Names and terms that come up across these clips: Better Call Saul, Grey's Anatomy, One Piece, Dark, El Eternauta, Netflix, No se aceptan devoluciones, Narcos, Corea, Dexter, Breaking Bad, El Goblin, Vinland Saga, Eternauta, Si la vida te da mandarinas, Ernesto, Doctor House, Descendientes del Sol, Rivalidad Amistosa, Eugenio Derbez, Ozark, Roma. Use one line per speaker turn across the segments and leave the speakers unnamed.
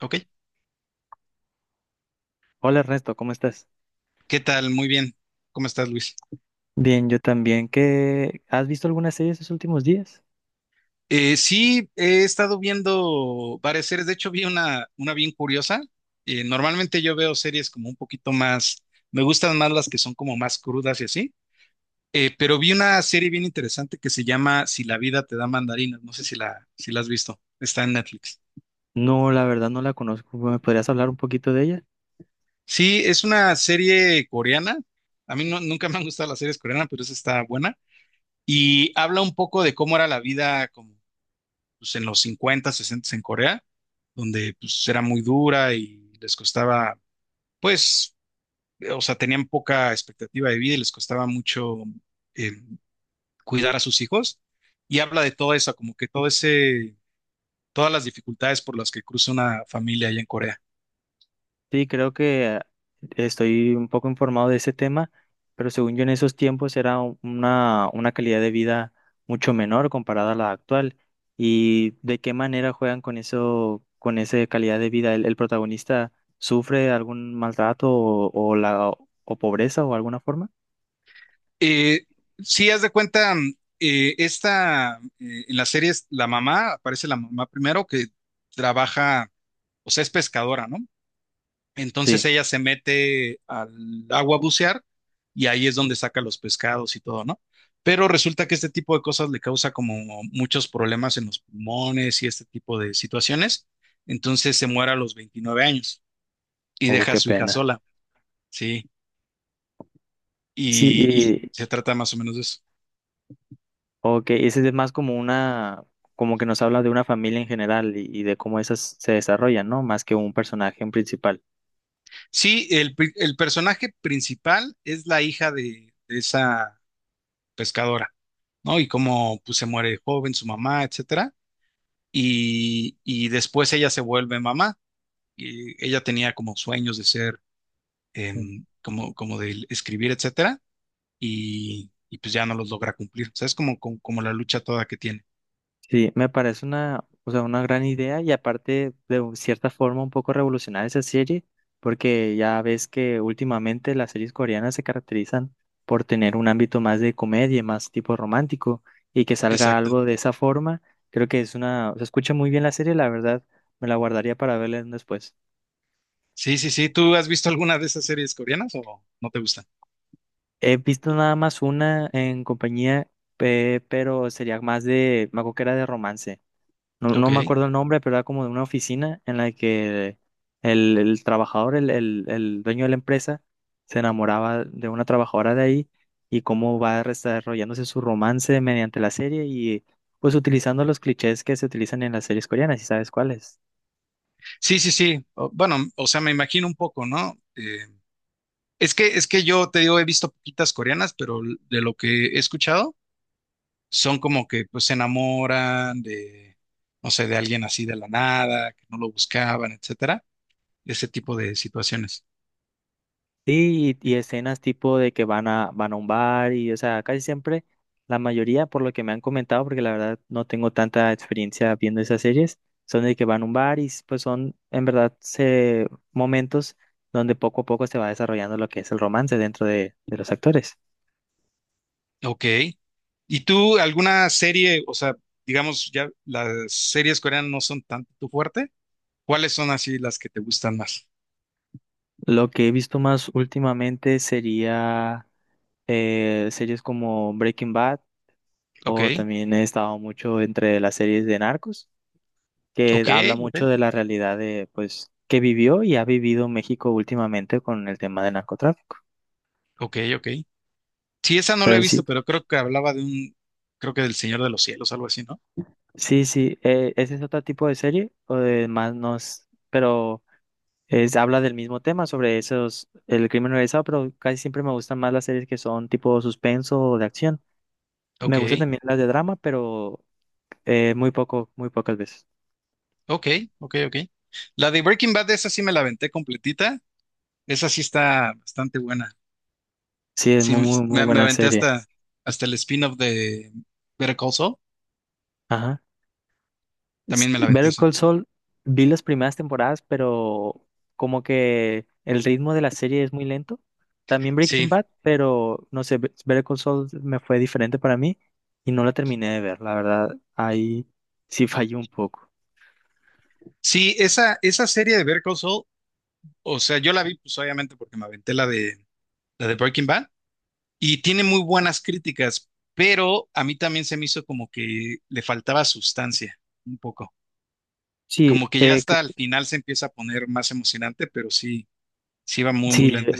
Ok,
Hola Ernesto, ¿cómo estás?
¿qué tal? Muy bien. ¿Cómo estás, Luis?
Bien, yo también. ¿Has visto alguna serie estos últimos días?
Sí, he estado viendo varias series. De hecho, vi una bien curiosa. Normalmente yo veo series como un poquito más, me gustan más las que son como más crudas y así. Pero vi una serie bien interesante que se llama Si la vida te da mandarinas. No sé si la has visto. Está en Netflix.
No, la verdad no la conozco. ¿Me podrías hablar un poquito de ella?
Sí, es una serie coreana. A mí nunca me han gustado las series coreanas, pero esa está buena. Y habla un poco de cómo era la vida como pues, en los 50, 60 en Corea, donde pues era muy dura y les costaba, pues, o sea, tenían poca expectativa de vida y les costaba mucho eh, cuidar a sus hijos. Y habla de todo eso, como que todas las dificultades por las que cruza una familia allá en Corea.
Sí, creo que estoy un poco informado de ese tema, pero según yo en esos tiempos era una calidad de vida mucho menor comparada a la actual. ¿Y de qué manera juegan con eso, con esa calidad de vida? ¿El protagonista sufre algún maltrato o la o pobreza o alguna forma?
Eh, si haz de cuenta, en las series, aparece la mamá primero que trabaja, o sea, es pescadora, ¿no? Entonces
Sí.
ella se mete al agua a bucear y ahí es donde saca los pescados y todo, ¿no? Pero resulta que este tipo de cosas le causa como muchos problemas en los pulmones y este tipo de situaciones. Entonces se muere a los 29 años y
Oh,
deja a
qué
su hija
pena.
sola, ¿sí?
Sí,
Y se trata más o menos de eso.
ok, ese es más como una, como que nos habla de una familia en general y de cómo esas se desarrollan, ¿no? Más que un personaje en principal.
Sí, el personaje principal es la hija de esa pescadora, ¿no? Y cómo pues, se muere joven su mamá, etcétera. Y después ella se vuelve mamá y ella tenía como sueños de ser,
Mm.
como de escribir, etcétera, y pues ya no los logra cumplir. O sea, es como la lucha toda que tiene.
Sí, me parece una, o sea, una gran idea y aparte de cierta forma un poco revolucionar esa serie, porque ya ves que últimamente las series coreanas se caracterizan por tener un ámbito más de comedia, más tipo romántico, y que salga
Exacto.
algo de esa forma, creo que es se escucha muy bien la serie, la verdad, me la guardaría para verla después.
Sí, sí, sí. ¿Tú has visto alguna de esas series coreanas o no te gustan?
He visto nada más una en compañía, pero sería más de, me acuerdo que era de romance. No,
Ok.
no me acuerdo el nombre, pero era como de una oficina en la que el trabajador, el dueño de la empresa, se enamoraba de una trabajadora de ahí y cómo va desarrollándose su romance mediante la serie y pues utilizando los clichés que se utilizan en las series coreanas, ¿y sabes cuáles?
Sí, sí, sí. Bueno, o sea, me imagino un poco, ¿no? Es que yo te digo, he visto poquitas coreanas, pero de lo que he escuchado, son como que pues se enamoran de, no sé, de alguien así de la nada, que no lo buscaban, etcétera. Ese tipo de situaciones.
Sí, y escenas tipo de que van a un bar y, o sea, casi siempre, la mayoría, por lo que me han comentado, porque la verdad no tengo tanta experiencia viendo esas series, son de que van a un bar y pues son, en verdad, momentos donde poco a poco se va desarrollando lo que es el romance dentro de los actores.
Ok. ¿Y tú alguna serie, o sea, digamos, ya las series coreanas no son tanto tu fuerte? ¿Cuáles son así las que te gustan más?
Lo que he visto más últimamente sería series como Breaking Bad
Ok,
o también he estado mucho entre las series de Narcos, que
ok,
habla
ok,
mucho de la realidad de, pues, que vivió y ha vivido México últimamente con el tema del narcotráfico.
ok, ok. Sí, esa no la he
Pero sí,
visto, pero creo que hablaba de un, creo que del Señor de los Cielos, algo así, ¿no?
sí, sí, ese es otro tipo de serie, o de más nos, pero habla del mismo tema sobre esos, el crimen organizado, pero casi siempre me gustan más las series que son tipo suspenso o de acción. Me
Ok,
gustan también las de drama, pero muy poco, muy pocas veces.
ok, ok, ok. La de Breaking Bad, esa sí me la aventé completita. Esa sí está bastante buena.
Sí, es
Sí,
muy, muy, muy
me
buena
aventé
serie.
hasta el spin-off de Better Call Saul.
Ajá.
También me la aventé
Better
esa.
Call Saul, vi las primeras temporadas, pero como que el ritmo de la serie es muy lento. También Breaking
Sí,
Bad, pero no sé, Better Call Saul me fue diferente para mí y no la terminé de ver, la verdad, ahí sí fallé un poco.
sí, esa serie de Better Call Saul, o sea, yo la vi pues obviamente porque me aventé la de Breaking Bad y tiene muy buenas críticas, pero a mí también se me hizo como que le faltaba sustancia un poco,
Sí,
como que ya hasta al final se empieza a poner más emocionante, pero sí, sí va muy, muy
sí,
lenta.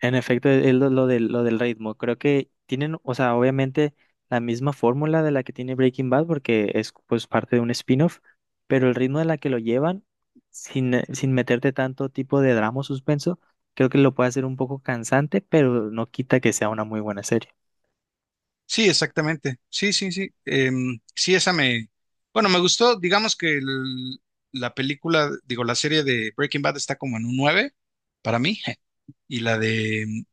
en efecto, es lo del ritmo. Creo que tienen, o sea, obviamente la misma fórmula de la que tiene Breaking Bad, porque es pues parte de un spin-off, pero el ritmo de la que lo llevan, sin meterte tanto tipo de drama o suspenso, creo que lo puede hacer un poco cansante, pero no quita que sea una muy buena serie.
Sí, exactamente, sí, sí, sí, sí, esa me, bueno, me gustó, digamos que la película, digo, la serie de Breaking Bad está como en un 9 para mí. Y la de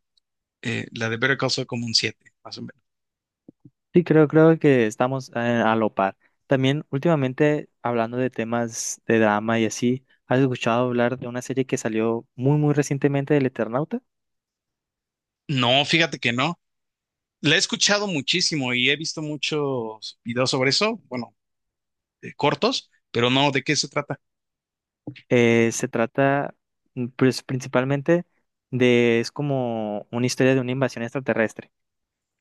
Eh, la de Better Call Saul como un siete más o menos.
Sí, creo que estamos a lo par. También últimamente, hablando de temas de drama y así, ¿has escuchado hablar de una serie que salió muy, muy recientemente del Eternauta?
No, fíjate que no. La he escuchado muchísimo y he visto muchos videos sobre eso, bueno, cortos, pero no, ¿de qué se trata?
Se trata, pues, principalmente es como una historia de una invasión extraterrestre.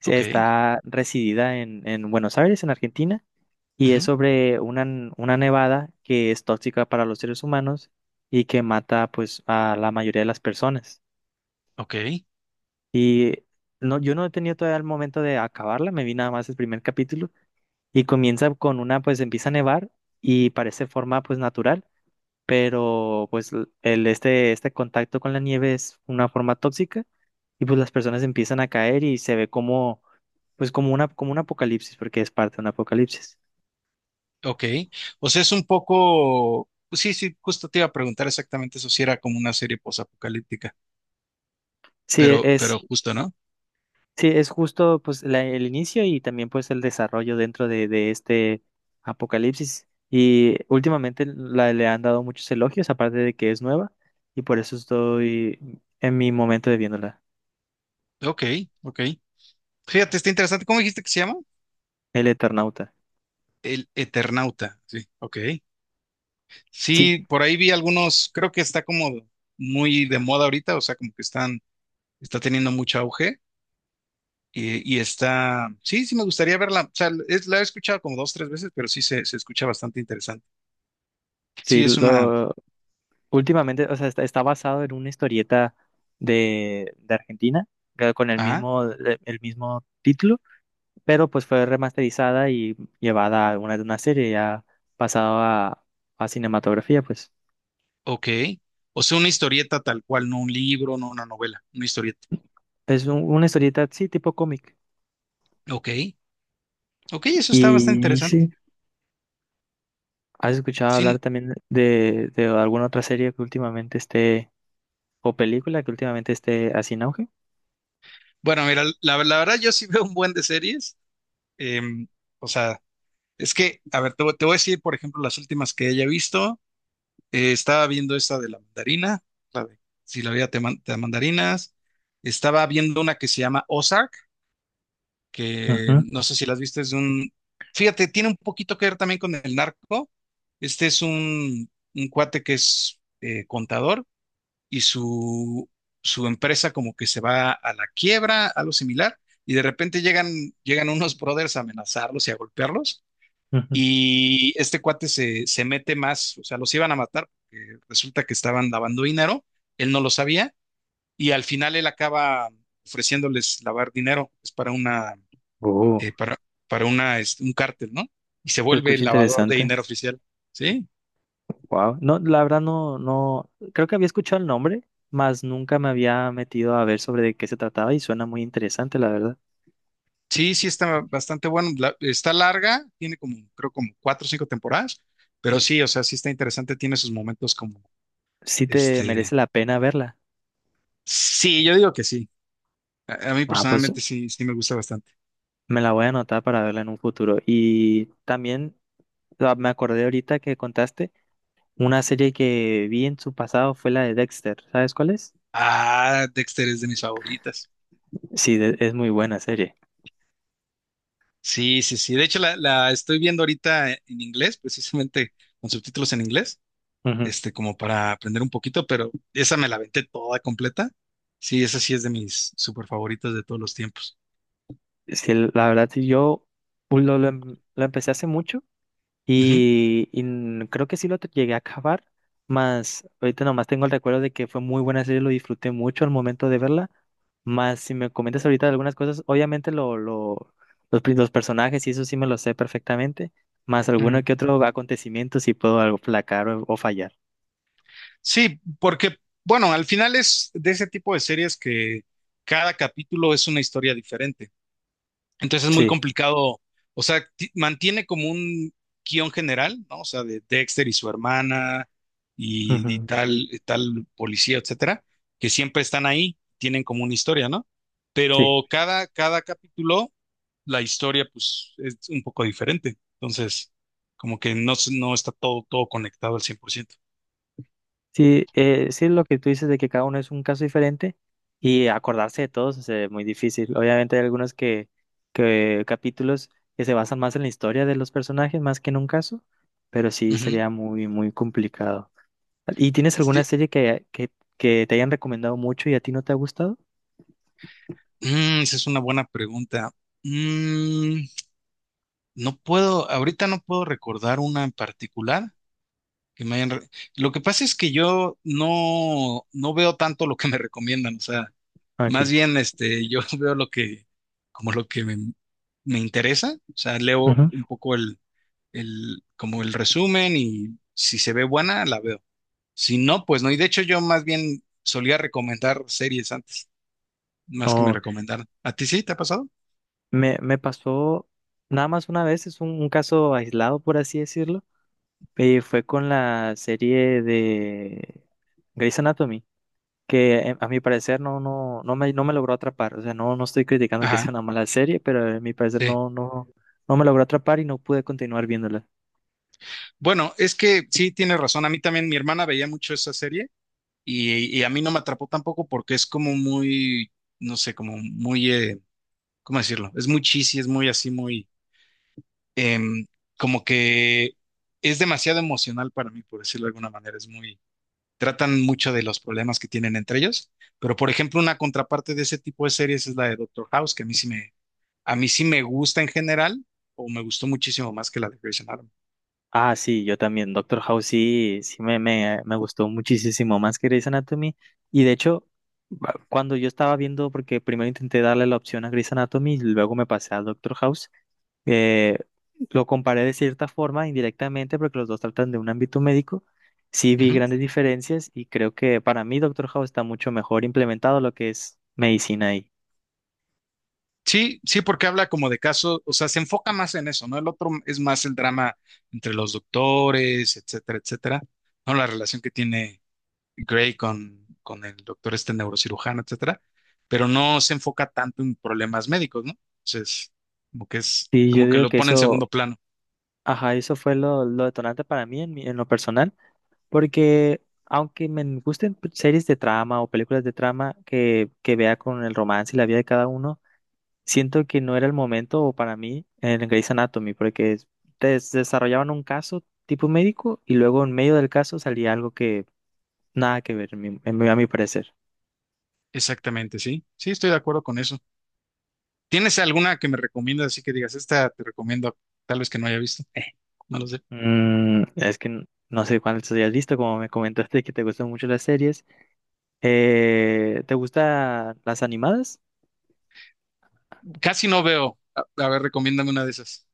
Sí,
Ok,
está residida en Buenos Aires, en Argentina, y es
ujú,
sobre una nevada que es tóxica para los seres humanos y que mata, pues, a la mayoría de las personas.
ok,
Y no, yo no he tenido todavía el momento de acabarla, me vi nada más el primer capítulo y comienza con pues, empieza a nevar y parece forma, pues, natural. Pero pues este contacto con la nieve es una forma tóxica y pues las personas empiezan a caer y se ve como, pues como como un apocalipsis, porque es parte de un apocalipsis.
ok. O sea, es un poco, pues sí, sí, justo te iba a preguntar exactamente eso, si era como una serie posapocalíptica,
Sí,
pero, pero justo, ¿no?
sí, es justo pues el inicio y también pues el desarrollo dentro de este apocalipsis. Y últimamente le han dado muchos elogios, aparte de que es nueva, y por eso estoy en mi momento de viéndola,
Ok, ok. Fíjate, está interesante. ¿Cómo dijiste que se llama?
El Eternauta.
El Eternauta. Sí, ok.
Sí,
Sí, por ahí vi algunos, creo que está como muy de moda ahorita, o sea, como que está teniendo mucho auge y sí, sí me gustaría verla, o sea, la he escuchado como dos, tres veces, pero sí se escucha bastante interesante.
sí,
Sí,
últimamente, o sea, está basado en una historieta de Argentina, con el
ah,
mismo título, pero pues fue remasterizada y llevada a una serie ya pasado a cinematografía, pues.
ok, o sea, una historieta tal cual, no un libro, no una novela, una historieta.
Es una historieta, sí, tipo cómic.
Ok, ok, eso está bastante
Y sí,
interesante.
¿has escuchado
Sin.
hablar también de alguna otra serie que últimamente esté, o película que últimamente esté así en auge?
Bueno, mira, la verdad yo sí veo un buen de series, em, o sea, es que, a ver, te voy a decir, por ejemplo, las últimas que haya visto. Estaba viendo esta de la mandarina, la de si la vida te da mandarinas. Estaba viendo una que se llama Ozark, que
Ujú,
no sé si las viste, es de un... Fíjate, tiene un poquito que ver también con el narco. Este es un cuate que es contador y su empresa como que se va a la quiebra, algo similar, y de repente llegan unos brothers a amenazarlos y a golpearlos.
ujú.
Y este cuate se mete más, o sea, los iban a matar porque resulta que estaban lavando dinero, él no lo sabía y al final él acaba ofreciéndoles lavar dinero, es
Oh,
eh, para, para una, este, un cártel, ¿no? Y se
se
vuelve
escucha
el lavador de
interesante.
dinero oficial, ¿sí?
Wow. No, la verdad no, no, creo que había escuchado el nombre, mas nunca me había metido a ver sobre de qué se trataba y suena muy interesante, la verdad.
Sí, sí, está bastante bueno, está larga, tiene como, creo como cuatro o cinco temporadas, pero sí, o sea, sí está interesante, tiene sus momentos como,
Sí te merece
este,
la pena verla.
sí, yo digo que sí, a mí
Ah, pues
personalmente sí, sí me gusta bastante.
me la voy a anotar para verla en un futuro. Y también me acordé ahorita que contaste una serie que vi en su pasado fue la de Dexter. ¿Sabes cuál es?
Ah, Dexter es de mis favoritas.
Sí, es muy buena serie.
Sí, sí, sí. De hecho, la estoy viendo ahorita en inglés, precisamente con subtítulos en inglés,
Ujú.
como para aprender un poquito, pero esa me la aventé toda completa. Sí, esa sí es de mis super favoritas de todos los tiempos.
Sí, la verdad, sí, yo lo empecé hace mucho.
Ujú,
Y creo que sí llegué a acabar, más ahorita nomás tengo el recuerdo de que fue muy buena serie, lo disfruté mucho al momento de verla. Más si me comentas ahorita algunas cosas, obviamente los personajes y eso sí me lo sé perfectamente, más alguno
ujú.
que otro acontecimiento si puedo algo placar o fallar.
Sí, porque, bueno, al final es de ese tipo de series que cada capítulo es una historia diferente. Entonces es muy
Sí.
complicado, o sea, mantiene como un guión general, ¿no? O sea, de Dexter y su hermana y
Ujú,
tal policía, etcétera, que siempre están ahí, tienen como una historia, ¿no?
sí.
Pero cada capítulo, la historia, pues, es un poco diferente. Entonces, como que no, no está todo, todo conectado al 100%.
Sí, sí, lo que tú dices de que cada uno es un caso diferente y acordarse de todos es muy difícil. Obviamente hay algunos que capítulos que se basan más en la historia de los personajes más que en un caso, pero sí
Ujú.
sería muy, muy complicado. ¿Y tienes alguna
Sí.
serie que te hayan recomendado mucho y a ti no te ha gustado?
Mm, esa es una buena pregunta. Mm, ahorita no puedo recordar una en particular. Que me hayan re- Lo que pasa es que yo no veo tanto lo que me recomiendan, o sea, más
Aquí.
bien yo veo como lo que me interesa, o sea, leo
Ujú.
un poco el, como el resumen y si se ve buena, la veo. Si no, pues no, y de hecho yo más bien solía recomendar series antes, más que me
Oh,
recomendaran. ¿A ti sí te ha pasado?
me pasó nada más una vez, es un caso aislado, por así decirlo, y fue con la serie de Grey's Anatomy. Que a mi parecer no, no, no me logró atrapar. O sea, no, no estoy criticando que
Ajá,
sea una mala serie, pero a mi parecer
sí.
no, no, no me logró atrapar y no pude continuar viéndola.
Bueno, es que sí tienes razón, a mí también mi hermana veía mucho esa serie. Y a mí no me atrapó tampoco porque es como muy, no sé, como muy, ¿cómo decirlo? Es muy cheesy, es muy así, muy, em, como que es demasiado emocional para mí, por decirlo de alguna manera. Tratan mucho de los problemas que tienen entre ellos. Pero, por ejemplo, una contraparte de ese tipo de series es la de Doctor House, que a mí sí me gusta en general, o me gustó muchísimo más que la de Grey's Anatomy.
Ah, sí, yo también. Doctor House sí, sí me gustó muchísimo más que Grey's Anatomy. Y de hecho, cuando yo estaba viendo, porque primero intenté darle la opción a Grey's Anatomy y luego me pasé a Doctor House, eh, lo comparé de cierta forma, indirectamente, porque los dos tratan de un ámbito médico. Sí vi grandes diferencias y creo que para mí Doctor House está mucho mejor implementado lo que es medicina ahí.
Sí, sí, porque habla como de casos, o sea, se enfoca más en eso, ¿no? El otro es más el drama entre los doctores, etcétera, etcétera, ¿no? La relación que tiene Gray con el doctor este neurocirujano, etcétera, pero no se enfoca tanto en problemas médicos, ¿no? Entonces,
Sí, yo
como que
digo
lo
que
pone en
eso,
segundo plano.
ajá, eso fue lo detonante para mí en lo personal. Porque aunque me gusten series de trama o películas de trama que vea con el romance y la vida de cada uno, siento que no era el momento o para mí en Grey's Anatomy, porque desarrollaban un caso tipo médico y luego en medio del caso salía algo que nada que ver, a mi parecer.
Exactamente, sí, sí, estoy de acuerdo con eso. ¿Tienes alguna que me recomiendas así que digas, esta te recomiendo, tal vez que no haya visto? No lo sé.
Es que no sé cuántas hayas visto, como me comentaste que te gustan mucho las series. ¿Te gustan las animadas?
Casi no veo. A ver, recomiéndame una de esas.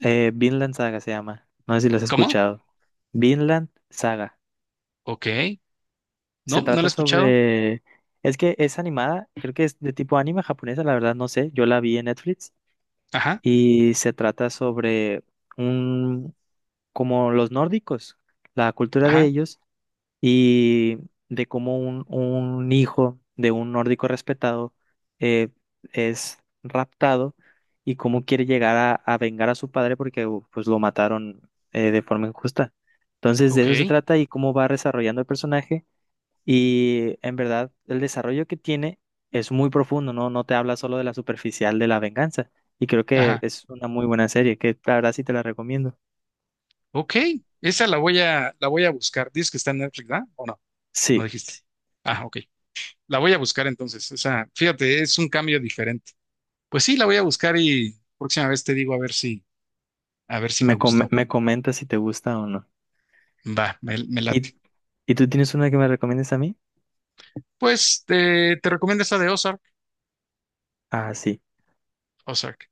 Vinland Saga se llama. No sé si las has
¿Cómo?
escuchado. Vinland Saga.
Ok.
Se
No, no la he
trata
escuchado.
sobre. Es que es animada, creo que es de tipo anime japonesa, la verdad no sé, yo la vi en Netflix
Ajá,
y se trata sobre un, como los nórdicos, la cultura de
ajá,
ellos y de cómo un hijo de un nórdico respetado eh, es raptado y cómo quiere llegar a vengar a su padre porque pues lo mataron de forma injusta. Entonces de
ok,
eso se trata y cómo va desarrollando el personaje y en verdad, el desarrollo que tiene es muy profundo, ¿no? No te habla solo de la superficial de la venganza. Y creo que
ajá,
es una muy buena serie, que la verdad sí te la recomiendo.
ok. Esa la voy a buscar. Dices que está en Netflix, ¿verdad? ¿O no? No
Sí,
dijiste. Ah, ok. La voy a buscar entonces. O sea, fíjate, es un cambio diferente. Pues sí, la voy a buscar y próxima vez te digo a ver si me
me, com-
gustó.
me comentas si te gusta o no.
Va, me
¿Y,
late.
y tú tienes una que me recomiendes a mí?
Pues te recomiendo esa de Ozark.
Ah, sí.
Ozark.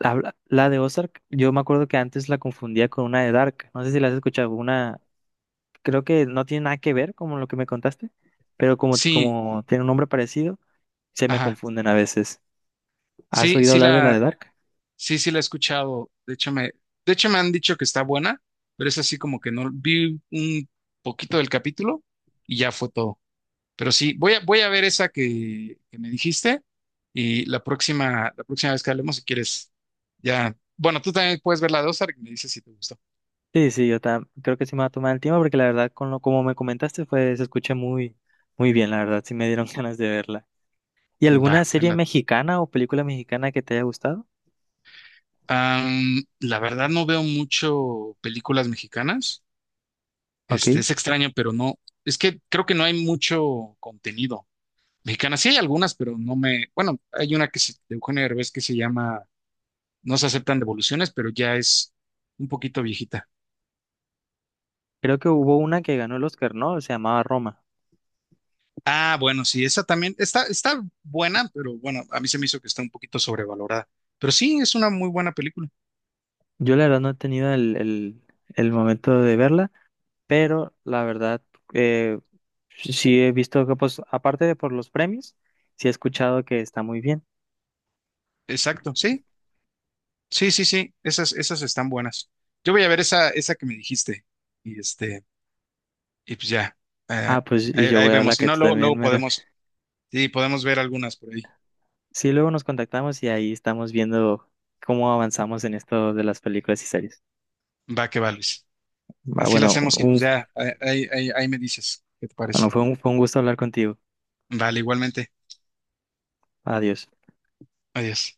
La de Ozark, yo me acuerdo que antes la confundía con una de Dark. No sé si la has escuchado. Creo que no tiene nada que ver con lo que me contaste, pero como,
Sí,
como tiene un nombre parecido, se me
ajá.
confunden a veces. ¿Has
Sí,
oído
sí
hablar de la
la
de Dark?
Sí, sí la he escuchado. De hecho, me han dicho que está buena, pero es así como que no vi un poquito del capítulo y ya fue todo. Pero sí, voy a ver esa que me dijiste y la próxima vez que hablemos, si quieres, ya. Bueno, tú también puedes ver la de Ozark y me dices si te gustó.
Sí, sí, yo creo que sí me va a tomar el tiempo porque la verdad, con como me comentaste, se escucha muy, muy bien, la verdad, sí me dieron ganas de verla. ¿Y
Va,
alguna
me
serie
late.
mexicana o película mexicana que te haya gustado?
La verdad no veo mucho películas mexicanas.
Ok,
Es extraño, pero no. Es que creo que no hay mucho contenido. Mexicana, sí hay algunas, pero no me. Bueno, hay una de Eugenio Derbez que se llama No se aceptan devoluciones, pero ya es un poquito viejita.
creo que hubo una que ganó el Oscar, ¿no? Se llamaba Roma.
Ah, bueno, sí, esa también está buena, pero bueno, a mí se me hizo que está un poquito sobrevalorada. Pero sí, es una muy buena película.
Yo la verdad no he tenido el momento de verla, pero la verdad, eh, sí he visto que, pues, aparte de por los premios, sí he escuchado que está muy bien.
Exacto, sí, sí, sí, sí, esas están buenas. Yo voy a ver esa que me dijiste y este, y pues ya, eh,
Ah, pues y
ahí,
yo
ahí
voy a
vemos.
la
Si
que
no,
tú
luego,
también
luego
me.
podemos, sí, podemos ver algunas por ahí.
Sí, luego nos contactamos y ahí estamos viendo cómo avanzamos en esto de las películas y series.
Va que vales.
Ah,
Así lo
bueno,
hacemos y pues ya ahí me dices qué te parece.
bueno, fue un gusto hablar contigo.
Vale, igualmente.
Adiós.
Adiós.